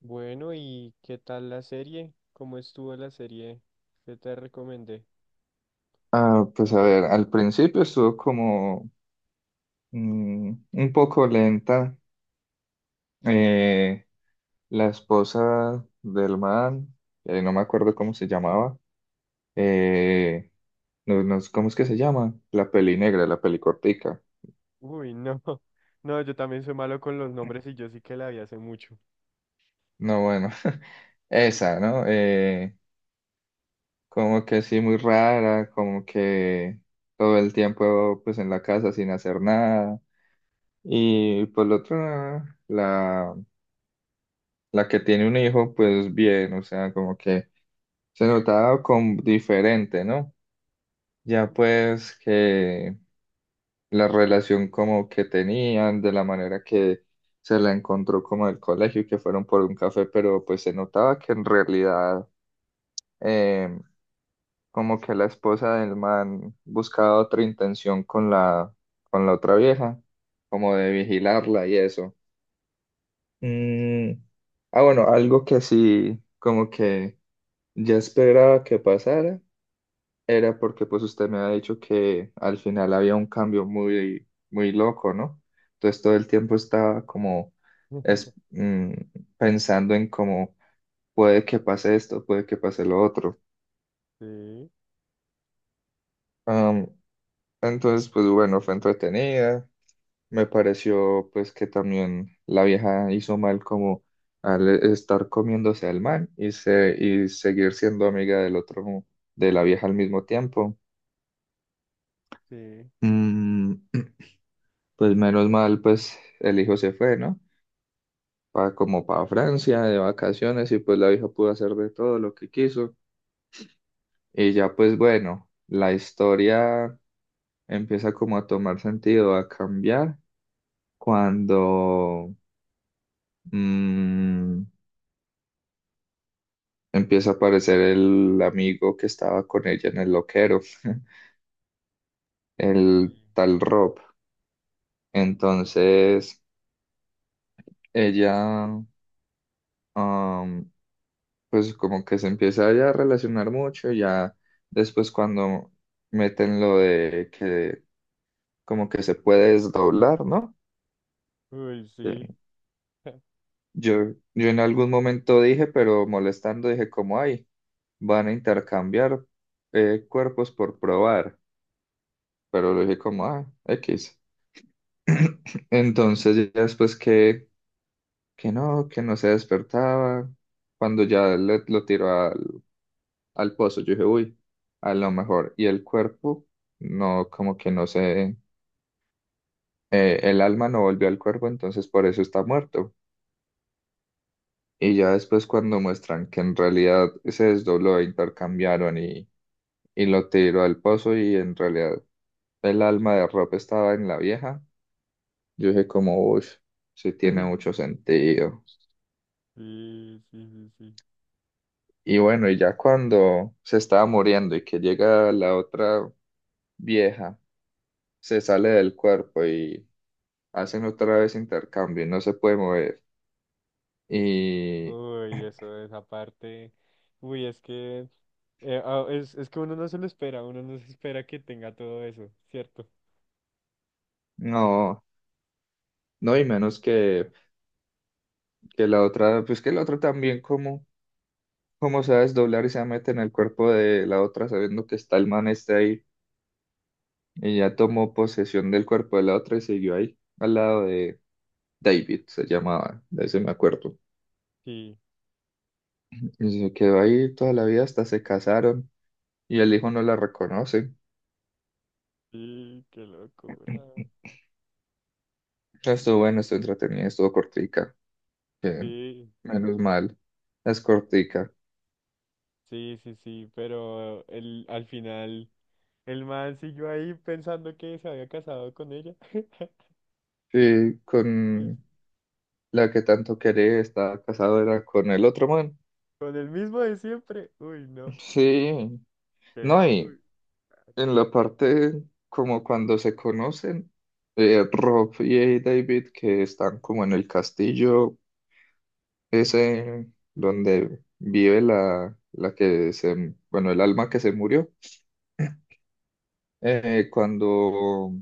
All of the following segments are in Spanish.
Bueno, ¿y qué tal la serie? ¿Cómo estuvo la serie que te recomendé? Ah, pues a ver, al principio estuvo como un poco lenta. Eh, la esposa del man, no me acuerdo cómo se llamaba, eh, no, no, ¿cómo es que se llama? La peli negra, la peli cortica. Uy, no. No, yo también soy malo con los nombres y yo sí que la vi hace mucho. No, bueno, esa, ¿no? Como que sí, muy rara, como que todo el tiempo pues en la casa sin hacer nada. Y por el otro, la... la que tiene un hijo, pues bien, o sea, como que se notaba como diferente, ¿no? Ya pues que la relación como que tenían, de la manera que se la encontró como el colegio, que fueron por un café, pero pues se notaba que en realidad eh, como que la esposa del man buscaba otra intención con con la otra vieja, como de vigilarla y eso. Mm. Ah, bueno, algo que sí, como que ya esperaba que pasara, era porque pues usted me ha dicho que al final había un cambio muy, muy loco, ¿no? Entonces todo el tiempo estaba como es, mm, pensando en cómo puede que pase esto, puede que pase lo otro. Sí, Am, entonces pues bueno, fue entretenida. Me pareció pues que también la vieja hizo mal como al estar comiéndose al man y seguir siendo amiga del otro, de la vieja al mismo tiempo. sí, Mm. Pues menos mal, pues el hijo se fue, ¿no? Como para Francia de vacaciones y pues la hija pudo hacer de todo lo que quiso. Y ya pues bueno, la historia empieza como a tomar sentido, a cambiar cuando mm, empieza a aparecer el amigo que estaba con ella en el loquero, el sí. tal Rob. Entonces ella, am, pues como que se empieza ya a relacionar mucho, ya después cuando meten lo de que como que se puede desdoblar, ¿no? Uy, sí. Eh, yo en algún momento dije, pero molestando, dije como, ay, van a intercambiar cuerpos por probar, pero lo dije como, ah, X. Entonces ya después que no se despertaba, cuando ya lo tiró al pozo. Yo dije, uy, a lo mejor. Y el cuerpo, no, como que no sé, el alma no volvió al cuerpo, entonces por eso está muerto. Y ya después cuando muestran que en realidad se desdobló, e intercambiaron y lo tiró al pozo y en realidad el alma de Rob estaba en la vieja, yo dije como, uy, sí tiene mucho sentido. Sí, sí, sí, sí. Y bueno, y ya cuando se estaba muriendo y que llega la otra vieja, se sale del cuerpo y hacen otra vez intercambio y no se puede mover. Y Uy, eso, esa parte. Uy, es que es que uno no se lo espera, uno no se espera que tenga todo eso, ¿cierto? no, no, y menos que la otra, pues que la otra también como, como se va a desdoblar y se mete en el cuerpo de la otra sabiendo que está el man este ahí y ya tomó posesión del cuerpo de la otra y siguió ahí al lado de David, se llamaba, de ese me acuerdo. Sí, Y se quedó ahí toda la vida hasta se casaron y el hijo no la reconoce. sí, qué locura. Estuvo bueno, estuvo entretenida, estuvo cortica, que Sí. menos mal, es cortica. Sí, sí, sí, pero el, al final el man siguió ahí pensando que se había casado con ella. Sí, Y con la que tanto quería, estaba casado era con el otro man. con el mismo de siempre. Uy, no. Sí, no, Qué, y uy, en la parte como cuando se conocen, Rob y David que están como en el castillo ese donde vive la que se, bueno, el alma que se murió, cuando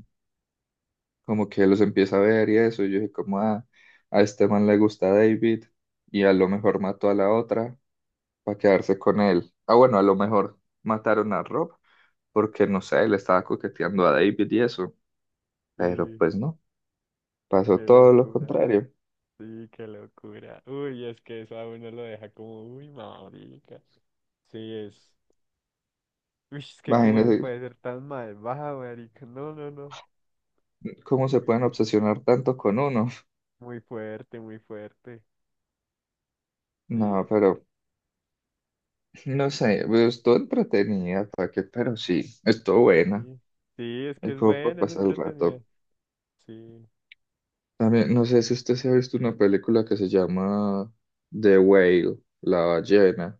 como que los empieza a ver y eso, yo dije como "Ah, a este man le gusta David y a lo mejor mató a la otra para quedarse con él. Ah, bueno, a lo mejor mataron a Rob porque, no sé, le estaba coqueteando a David y eso, sí, pero pues no, pasó qué todo lo locura. contrario." Sí, qué locura. Uy, es que eso a uno lo deja como, uy, marica. Sí, es. Uy, es que cómo se Imagínense puede ser tan malvada, marica. No, no, no. cómo se Muy, pueden obsesionar tanto con uno. muy fuerte, muy fuerte. No, Sí, pero no sé, pues, estuvo entretenida, ¿para qué? Pero sí, estuvo buena. sí. Sí, es que Es es como por bueno, es pasar el entretenido. rato. Sí. También, no sé si usted se ha visto una película que se llama The Whale, la ballena.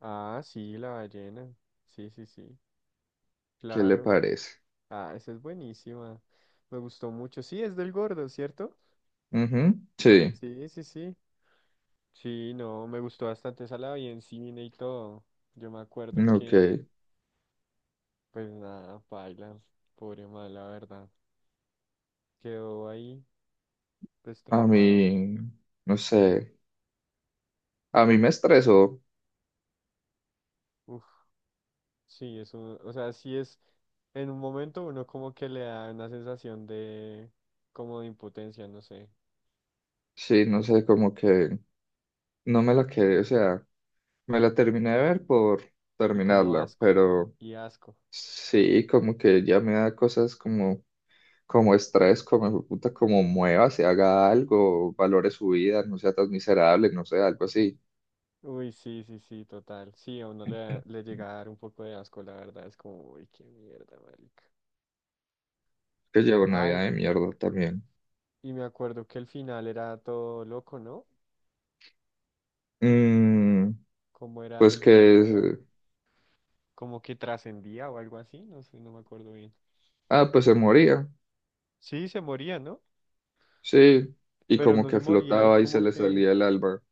Ah, sí, la ballena. Sí, sí, sí. ¿Qué le Claro. parece? Ah, esa es buenísima. Me gustó mucho. Sí, es del gordo, ¿cierto? Ujú. Sí, Sí, sí, sí. Sí, no, me gustó bastante, esa la vi en cine y todo. Yo me acuerdo ok. que, pues nada, paila, pobre mal, la verdad. Quedó ahí, pues A traumado. mí, no sé, a mí me estresó, Uf, sí, es un, o sea, sí es, en un momento uno como que le da una sensación de, como de impotencia, no sé, sí, no sé, como que no me la quedé, o sea, me la terminé de ver por y como terminarla, asco, pero y asco. sí, como que ya me da cosas como, como estrés, como hijo de puta, como mueva, se haga algo, valore su vida, no sea tan miserable, no sé, algo así, Uy, sí, sí, sí, total. Sí, a uno le, da- le llega a dar un poco de asco, la verdad. Es como, uy, qué mierda, marica. que llevo una vida Ay, de mierda también. y me acuerdo que el final era todo loco, ¿no? Mm, Como era, pues el final no era que, como que trascendía o algo así, no sé, no me acuerdo bien. ah, pues se moría, Sí, se moría, ¿no? sí, y Pero como no se que moría y flotaba y se como le que, salía el alma.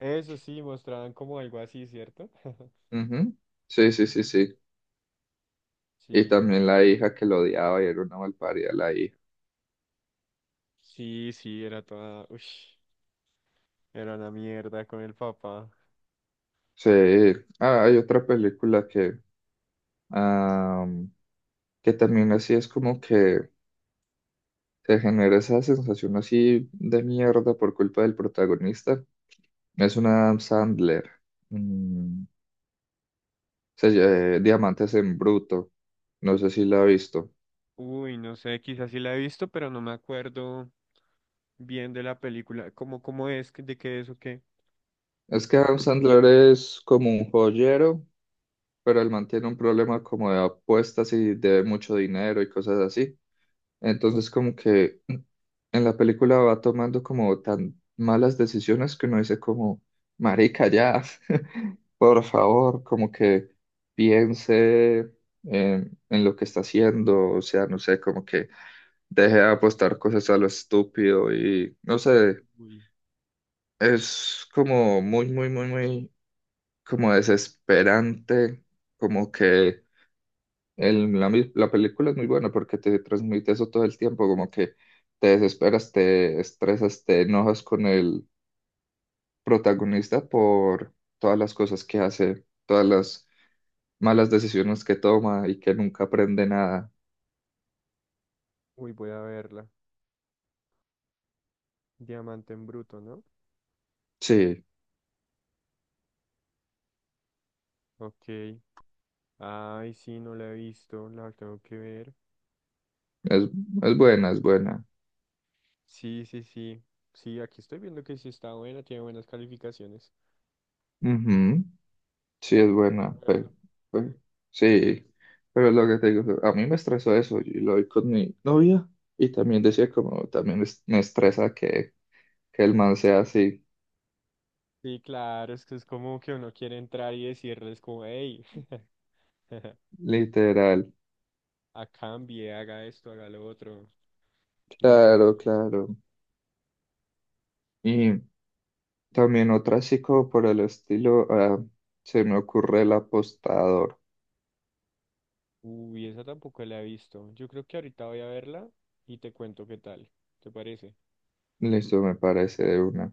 eso sí, mostraban como algo así, ¿cierto? Ujú. Sí, sí, sí, sí. Y Sí, también la hija que lo odiaba y era una malparida la hija. sí, sí, era toda, uy, era una mierda con el papá. Sí. Ah, hay otra película am, que también así es como que te genera esa sensación así de mierda por culpa del protagonista. Es una Adam Sandler. Mm, se llama Diamantes en Bruto. No sé si la ha visto. Uy, no sé, quizás sí la he visto, pero no me acuerdo bien de la película. ¿Cómo, cómo es? Que- ¿de qué es o qué? Es que Adam Sandler es como un joyero, pero él mantiene un problema como de apuestas y debe mucho dinero y cosas así. Entonces como que en la película va tomando como tan malas decisiones que uno dice como, marica, ya, por favor, como que piense en lo que está haciendo, o sea, no sé, como que deje de apostar cosas a lo estúpido y no sé, Uy. es como muy, muy, muy, muy, como desesperante, como que la película es muy buena porque te transmite eso todo el tiempo, como que te desesperas, te estresas, te enojas con el protagonista por todas las cosas que hace, todas las malas decisiones que toma y que nunca aprende nada. Uy, voy a verla. Diamante en bruto, ¿no? Sí, Ok. Ay, sí, no la he visto. La tengo que ver. es, es buena, es buena. Sí, sí, sí. Sí, aquí estoy viendo que sí está buena, tiene buenas calificaciones. Ujú. Sí, es Toca, toca buena, verla. pero- sí, pero lo que te digo, a mí me estresó eso y lo vi con mi novia y también decía como, también me estresa que el man sea así. Sí, claro, es que es como que uno quiere entrar y decirles como, hey, Literal, a cambie, haga esto, haga lo otro. No sea claro, tan... claro. Y también otra así como por el estilo, ah, se me ocurre el apostador. Uy, esa tampoco la he visto. Yo creo que ahorita voy a verla y te cuento qué tal. ¿Te parece? Listo, me parece de una.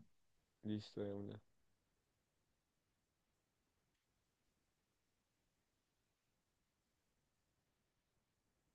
Listo, de una.